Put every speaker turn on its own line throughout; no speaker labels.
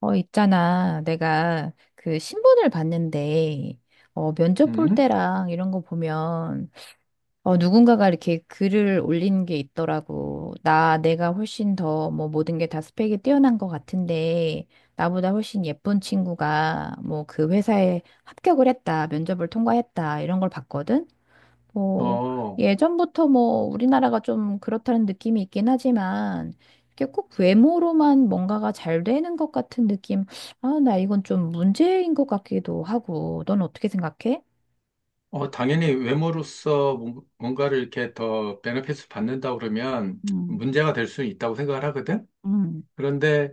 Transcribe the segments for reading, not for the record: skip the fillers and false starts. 있잖아. 내가 그 신문을 봤는데, 면접 볼
음?
때랑 이런 거 보면, 누군가가 이렇게 글을 올린 게 있더라고. 내가 훨씬 더, 뭐, 모든 게 다 스펙이 뛰어난 것 같은데, 나보다 훨씬 예쁜 친구가, 뭐, 그 회사에 합격을 했다, 면접을 통과했다, 이런 걸 봤거든? 뭐,
어,
예전부터 뭐, 우리나라가 좀 그렇다는 느낌이 있긴 하지만, 이게 꼭 외모로만 뭔가가 잘 되는 것 같은 느낌, 아, 나 이건 좀 문제인 것 같기도 하고, 넌 어떻게 생각해?
당연히 외모로서 뭔가를 이렇게 더 베네핏을 받는다 그러면
음,
문제가 될 수 있다고 생각을 하거든?
음,
그런데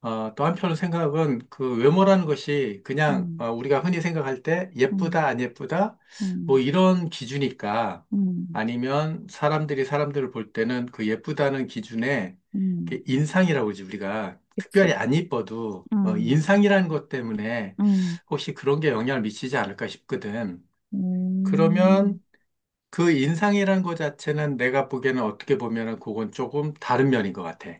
또 한편으로 생각은 그 외모라는 것이 그냥
음,
우리가 흔히 생각할 때
음,
예쁘다, 안 예쁘다, 뭐
음,
이런 기준일까? 아니면 사람들이 사람들을 볼 때는 그 예쁘다는 기준에
음,
이렇게 인상이라고 그러지, 우리가. 특별히
그치.
안 이뻐도
음,
인상이라는 것 때문에
음,
혹시 그런 게 영향을 미치지 않을까 싶거든.
음,
그러면 그 인상이라는 것 자체는 내가 보기에는 어떻게 보면은 그건 조금 다른 면인 것 같아.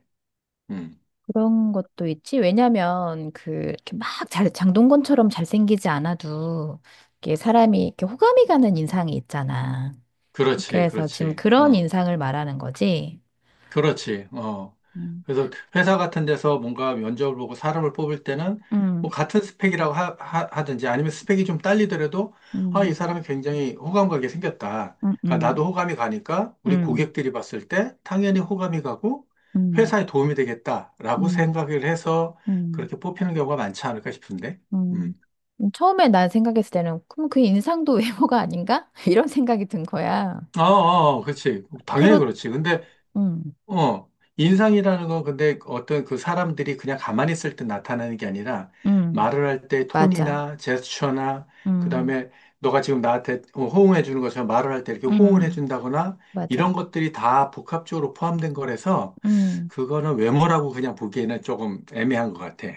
음.
그런 것도 있지. 왜냐면, 그, 이렇게 막 장동건처럼 잘생기지 않아도, 이게 사람이 이렇게 호감이 가는 인상이 있잖아.
그렇지,
그래서 지금
그렇지.
그런
어.
인상을 말하는 거지.
그렇지. 어.
음,
그래서 회사 같은 데서 뭔가 면접을 보고 사람을 뽑을 때는 뭐
음,
같은 스펙이라고 든지 아니면 스펙이 좀 딸리더라도 아, 이
음,
사람이 굉장히 호감 가게 생겼다.
음,
그러니까
음,
나도 호감이 가니까 우리
음,
고객들이 봤을 때 당연히 호감이 가고
음,
회사에 도움이 되겠다라고 생각을 해서
음,
그렇게 뽑히는 경우가 많지 않을까 싶은데.
음,
음.
처음에 난 생각했을 때는 그럼 그 인상도 외모가 아닌가? 이런 생각이 든 거야.
어, 어, 어. 그렇지. 당연히
그렇,
그렇지. 근데
음,
어, 인상이라는 건 근데 어떤 그 사람들이 그냥 가만히 있을 때 나타나는 게 아니라
음,
말을 할 때
맞아.
톤이나 제스처나
음,
그다음에 너가 지금 나한테 호응해 주는 것처럼 말을 할 때 이렇게 호응을 해
음,
준다거나
맞아.
이런 것들이 다 복합적으로 포함된 거라서
음.
그거는 외모라고 그냥 보기에는 조금 애매한 것 같아.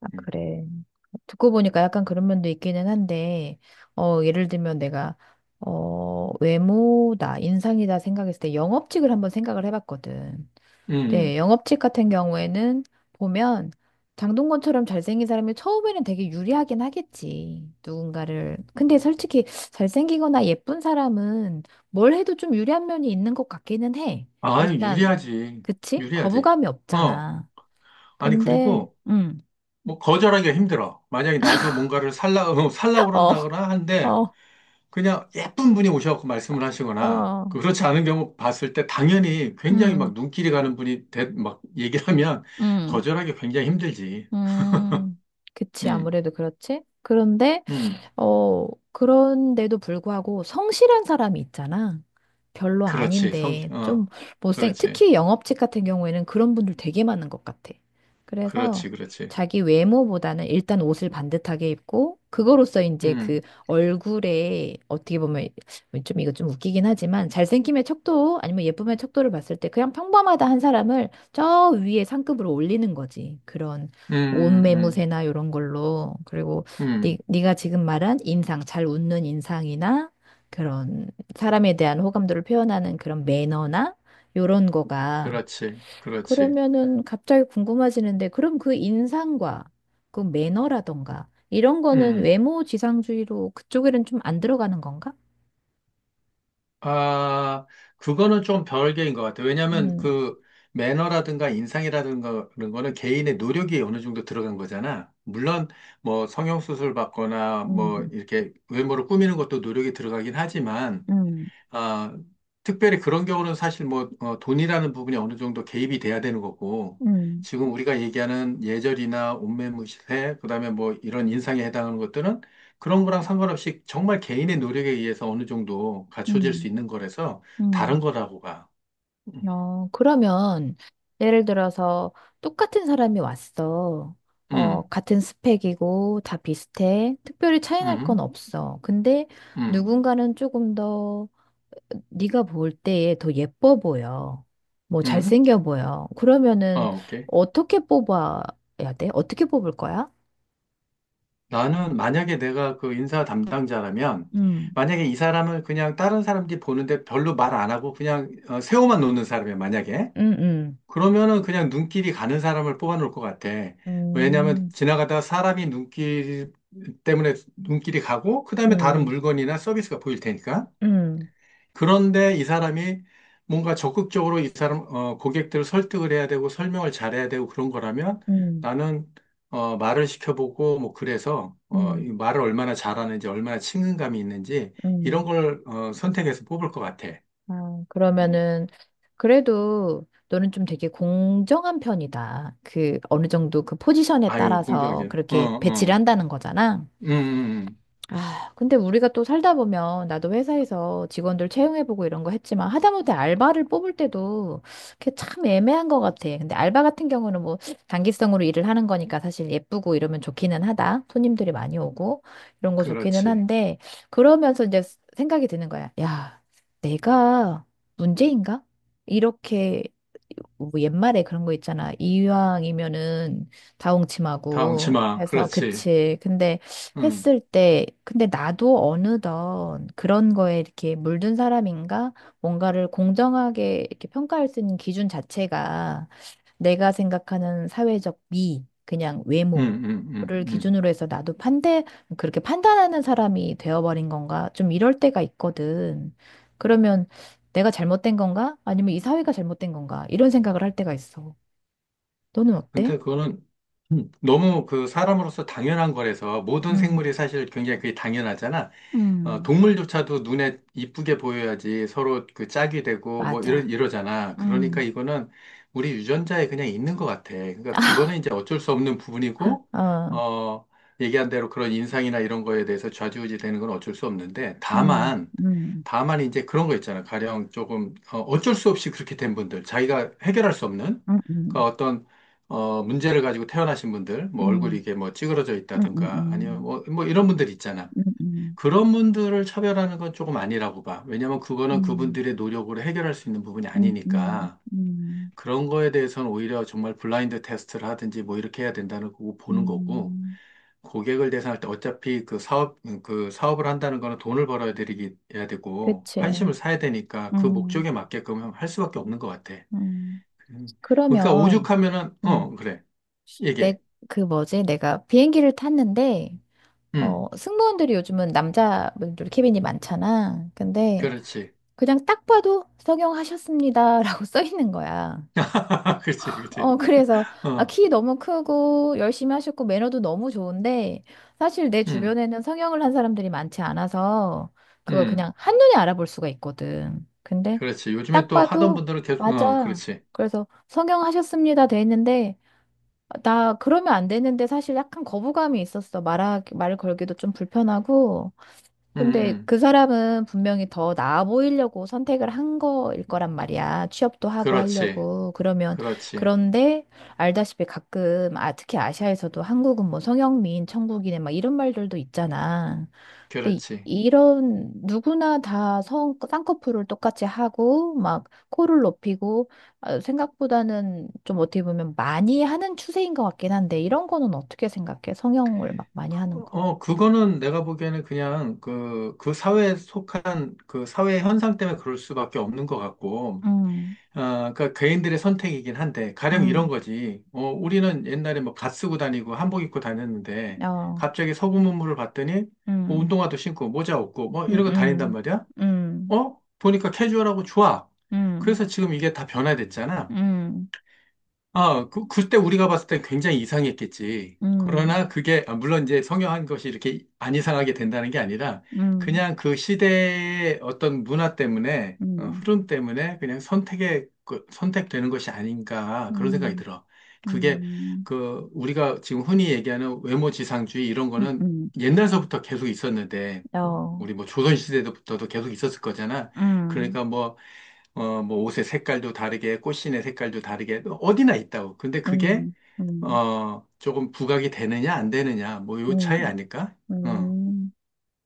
아,
음.
그래. 듣고 보니까 약간 그런 면도 있기는 한데, 예를 들면 내가, 외모다, 인상이다 생각했을 때 영업직을 한번 생각을 해봤거든. 네,
음.
영업직 같은 경우에는 보면 장동건처럼 잘생긴 사람이 처음에는 되게 유리하긴 하겠지. 누군가를. 근데 솔직히 잘생기거나 예쁜 사람은 뭘 해도 좀 유리한 면이 있는 것 같기는 해.
아,
일단,
유리하지.
그치?
유리하지.
거부감이
어.
없잖아.
아니,
근데,
그리고
음.
뭐 거절하기가 힘들어. 만약에 나도 뭔가를 살라, 살라
어,
그런다거나 한데
어.
그냥 예쁜 분이 오셔갖고 말씀을 하시거나
어,
그렇지 않은 경우 봤을 때 당연히 굉장히 막
음,
눈길이 가는 분이 대, 막 얘기를 하면
음,
거절하기 굉장히 힘들지.
음. 그치,
음,
아무래도 그렇지. 그런데
음,
그런데도 불구하고 성실한 사람이 있잖아. 별로
그렇지. 성,
아닌데 좀
어, 그렇지,
특히 영업직 같은 경우에는 그런 분들 되게 많은 것 같아. 그래서
그렇지, 그렇지.
자기 외모보다는 일단 옷을 반듯하게 입고 그거로써 이제
음,
그 얼굴에 어떻게 보면 좀 이거 좀 웃기긴 하지만 잘생김의 척도 아니면 예쁨의 척도를 봤을 때 그냥 평범하다 한 사람을 저 위에 상급으로 올리는 거지. 그런 옷
음, 음,
매무새나 이런 걸로. 그리고 네,
음,
네가 지금 말한 인상, 잘 웃는 인상이나 그런 사람에 대한 호감도를 표현하는 그런 매너나 요런 거가
그렇지, 그렇지.
그러면은 갑자기 궁금해지는데 그럼 그 인상과 그 매너라던가 이런 거는
음. 응.
외모 지상주의로 그쪽에는 좀 안 들어가는 건가?
아, 그거는 좀 별개인 것 같아요. 왜냐하면
음,
그 매너라든가 인상이라든가 그런 거는 개인의 노력이 어느 정도 들어간 거잖아. 물론 뭐 성형수술 받거나 뭐
음,
이렇게 외모를 꾸미는 것도 노력이 들어가긴 하지만
음,
아, 특별히 그런 경우는 사실 뭐 돈이라는 부분이 어느 정도 개입이 돼야 되는 거고
음,
지금 우리가 얘기하는 예절이나 옷매무새 그다음에 뭐 이런 인상에 해당하는 것들은 그런 거랑 상관없이 정말 개인의 노력에 의해서 어느 정도 갖춰질
음,
수 있는 거라서 다른
음.
거라고 가. 음,
그러면 예를 들어서 똑같은 사람이 왔어.
음,
같은 스펙이고 다 비슷해. 특별히 차이 날 건
음,
없어. 근데
음,
누군가는 조금 더 네가 볼 때에 더 예뻐 보여. 뭐
음.
잘생겨 보여. 그러면은
어, 오케이.
어떻게 뽑아야 돼? 어떻게 뽑을 거야?
나는 만약에 내가 그 인사 담당자라면
음.
만약에 이 사람을 그냥 다른 사람들이 보는데 별로 말 안 하고 그냥 세워만 놓는 사람이야, 만약에.
음, 음,
그러면은 그냥 눈길이 가는 사람을 뽑아놓을 것 같아. 왜냐하면
음,
지나가다 사람이 눈길 때문에 눈길이 가고, 그 다음에 다른
음,
물건이나 서비스가 보일 테니까.
음,
그런데 이 사람이 뭔가 적극적으로 이 사람, 고객들을 설득을 해야 되고, 설명을 잘해야 되고 그런 거라면
음,
나는, 말을 시켜보고, 뭐, 그래서,
음,
이 말을 얼마나 잘하는지, 얼마나 친근감이 있는지, 이런
음.
걸, 선택해서 뽑을 것 같아.
아,
음.
그러면은 그래도 너는 좀 되게 공정한 편이다. 그 어느 정도 그 포지션에
아유,
따라서
공정하게. 어,
그렇게
어.
배치를 한다는 거잖아.
음, 음.
아, 근데 우리가 또 살다 보면 나도 회사에서 직원들 채용해보고 이런 거 했지만 하다못해 알바를 뽑을 때도 그게 참 애매한 것 같아. 근데 알바 같은 경우는 뭐 단기성으로 일을 하는 거니까 사실 예쁘고 이러면 좋기는 하다. 손님들이 많이 오고 이런 거 좋기는
그렇지.
한데 그러면서 이제 생각이 드는 거야. 야, 내가 문제인가? 이렇게 뭐 옛말에 그런 거 있잖아. 이왕이면은
다
다홍침하고
엉치마.
해서
그렇지.
그치. 근데
응,
했을 때, 근데 나도 어느덧 그런 거에 이렇게 물든 사람인가? 뭔가를 공정하게 이렇게 평가할 수 있는 기준 자체가 내가 생각하는 사회적 미, 그냥
응, 응, 응,
외모를
응.
기준으로 해서 나도 그렇게 판단하는 사람이 되어버린 건가? 좀 이럴 때가 있거든. 그러면 내가 잘못된 건가? 아니면 이 사회가 잘못된 건가? 이런 생각을 할 때가 있어. 너는 어때?
근데 그거는 너무 그 사람으로서 당연한 거라서 모든
음,
생물이 사실 굉장히 그게 당연하잖아.
음,
동물조차도 눈에 이쁘게 보여야지 서로 그 짝이 되고 뭐
맞아.
이러잖아. 그러니까
음.
이거는 우리 유전자에 그냥 있는 것 같아. 그러니까 그거는 이제 어쩔 수 없는 부분이고,
어.
어, 얘기한 대로 그런 인상이나 이런 거에 대해서 좌지우지 되는 건 어쩔 수 없는데,
음,
다만,
음,
다만 이제 그런 거 있잖아. 가령 조금, 어쩔 수 없이 그렇게 된 분들, 자기가 해결할 수 없는,
음,
그러니까
음,
어떤, 문제를 가지고 태어나신 분들, 뭐 얼굴이
음,
이게 뭐 찌그러져
음, 음,
있다든가, 아니면
음,
뭐 이런 분들 있잖아.
음,
그런 분들을 차별하는 건 조금 아니라고 봐. 왜냐면 그거는
음,
그분들의 노력으로 해결할 수 있는 부분이
음, 음,
아니니까.
음,
그런 거에 대해서는 오히려 정말 블라인드 테스트를 하든지 뭐 이렇게 해야 된다는 거고 보는 거고.
음.
고객을 대상할 때 어차피 그 사업을 한다는 거는 돈을 벌어야 되기, 해야 되고,
그치.
환심을 사야 되니까 그
음,
목적에 맞게끔 할 수밖에 없는 것 같아.
음,
음. 그러니까
그러면,
오죽하면은,
음,
어, 그래.
내,
얘기해.
그 뭐지? 내가 비행기를 탔는데,
음,
승무원들이 요즘은 남자분들 캐빈이 많잖아. 근데
그렇지.
그냥 딱 봐도 성형하셨습니다라고 써 있는 거야.
그렇지, 그렇지.
그래서, 아,
어,
키 너무 크고, 열심히 하셨고, 매너도 너무 좋은데, 사실 내
음,
주변에는 성형을 한 사람들이 많지 않아서, 그걸
음.
그냥 한눈에 알아볼 수가 있거든. 근데,
그렇지. 요즘에
딱
또 하던
봐도,
분들은 계속, 어,
맞아.
그렇지.
그래서, 성형하셨습니다. 돼 있는데, 나 그러면 안 되는데, 사실 약간 거부감이 있었어. 말을 걸기도 좀 불편하고,
응,
근데
응.
그 사람은 분명히 더 나아 보이려고 선택을 한 거일 거란 말이야. 취업도 하고
그렇지.
하려고. 그러면,
그렇지.
그런데 알다시피 가끔, 아, 특히 아시아에서도 한국은 뭐 성형미인 천국이네, 막 이런 말들도 있잖아. 근데
그렇지.
이런 누구나 다 쌍꺼풀을 똑같이 하고, 막 코를 높이고, 아, 생각보다는 좀 어떻게 보면 많이 하는 추세인 것 같긴 한데, 이런 거는 어떻게 생각해? 성형을 막 많이 하는 거.
어, 그거는 내가 보기에는 그냥 그 사회에 속한 그 사회 현상 때문에 그럴 수밖에 없는 것 같고,
음,
그러니까 개인들의 선택이긴 한데, 가령 이런
음,
거지. 우리는 옛날에 뭐 갓 쓰고 다니고 한복 입고 다녔는데,
어.
갑자기 서구 문물을 봤더니, 뭐
음,
운동화도 신고 모자 없고, 뭐 이런 거 다닌단
음,
말이야?
음,
어? 보니까 캐주얼하고 좋아.
음, 음,
그래서 지금 이게 다 변화됐잖아.
음,
아, 그때 우리가 봤을 때 굉장히 이상했겠지.
음,
그러나 그게, 아, 물론 이제 성형한 것이 이렇게 안 이상하게 된다는 게 아니라,
음,
그냥 그 시대의 어떤 문화 때문에,
음,
흐름 때문에 그냥 선택되는 것이 아닌가, 그런 생각이
음,
들어. 그게,
음,
그, 우리가 지금 흔히 얘기하는 외모지상주의 이런
음,
거는
음,
옛날서부터 계속 있었는데,
어,
우리 뭐 조선시대부터도 계속 있었을 거잖아.
음,
그러니까 뭐, 어, 뭐 옷의 색깔도 다르게, 꽃신의 색깔도 다르게, 어디나 있다고. 근데 그게,
음, 음,
조금 부각이 되느냐, 안 되느냐, 뭐 요 차이
음,
아닐까? 어.
음.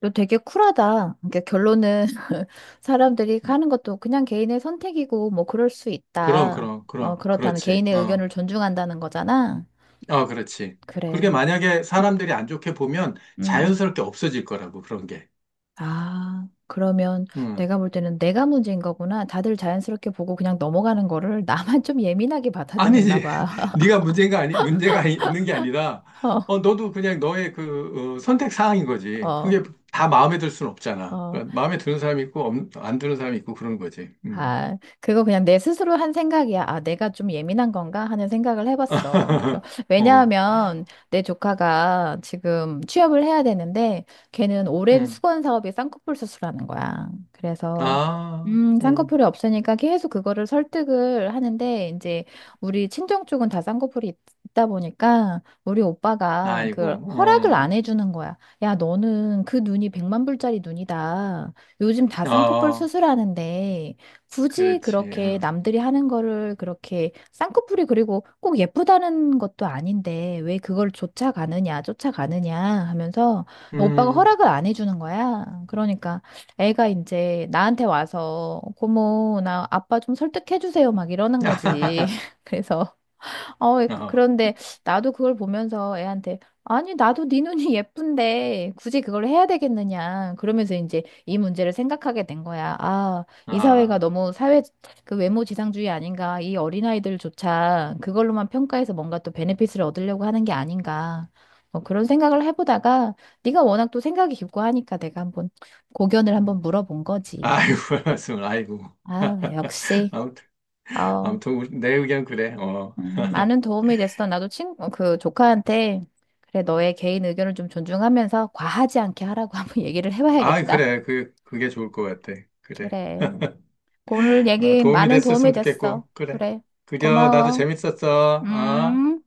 너 되게 쿨하다. 그러니까 결론은 사람들이
음.
하는 것도 그냥 개인의 선택이고 뭐 그럴 수 있다.
그럼,
그렇다는
그렇지.
개인의
어,
의견을 존중한다는 거잖아.
어, 그렇지. 그게 렇
그래.
만약에
음.
사람들이 안 좋게 보면
음.
자연스럽게 없어질 거라고, 그런 게.
아, 그러면
음.
내가 볼 때는 내가 문제인 거구나. 다들 자연스럽게 보고 그냥 넘어가는 거를 나만 좀 예민하게 받아들였나
아니지.
봐.
네가 문제가 있는 게 아니라, 너도 그냥 너의 선택 사항인 거지.
어,
그게 다 마음에 들 수는 없잖아.
어.
그러니까 마음에 드는 사람이 있고, 안 드는 사람이 있고, 그런 거지. 음.
아, 그거 그냥 내 스스로 한 생각이야. 아, 내가 좀 예민한 건가 하는 생각을 해봤어.
어,
왜냐하면 내 조카가 지금 취업을 해야 되는데 걔는 오랜
음,
수건 사업이 쌍꺼풀 수술하는 거야. 그래서
아,
쌍꺼풀이 없으니까 계속 그거를 설득을 하는데 이제 우리 친정 쪽은 다 쌍꺼풀이 있다 보니까 우리 오빠가
아이고,
그 허락을 안 해주는 거야. 야, 너는 그 눈이 100만 불짜리 눈이다. 요즘 다
어,
쌍꺼풀
어,
수술하는데 굳이
그렇지,
그렇게
응,
남들이 하는 거를 그렇게 쌍꺼풀이 그리고 꼭 예쁘다는 것도 아닌데 왜 그걸 쫓아가느냐, 쫓아가느냐 하면서 오빠가
음,
허락을 안 해주는 거야. 그러니까 애가 이제 나한테 와서 고모, 나 아빠 좀 설득해주세요 막 이러는 거지. 그래서
어,
그런데 나도 그걸 보면서 애한테 아니, 나도 네 눈이 예쁜데 굳이 그걸 해야 되겠느냐. 그러면서 이제 이 문제를 생각하게 된 거야. 아, 이 사회가
아,
너무 사회 그 외모 지상주의 아닌가. 이 어린아이들조차 그걸로만 평가해서 뭔가 또 베네핏을 얻으려고 하는 게 아닌가. 그런 생각을 해보다가 네가 워낙 또 생각이 깊고 하니까 내가 한번 고견을 한번
음.
물어본 거지.
아이고, 말씀, 아이고,
아, 역시.
아무튼,
어,
아무튼, 내 의견 그래, 어,
많은 도움이 됐어. 나도 그 조카한테 그래, 너의 개인 의견을 좀 존중하면서 과하지 않게 하라고 한번 얘기를
아,
해봐야겠다.
그래, 그게 좋을 것 같아, 그래,
그래. 오늘
어,
얘기
도움이
많은 도움이
됐었으면
됐어.
좋겠고, 그래,
그래.
그려, 나도
고마워.
재밌었어, 어?
음.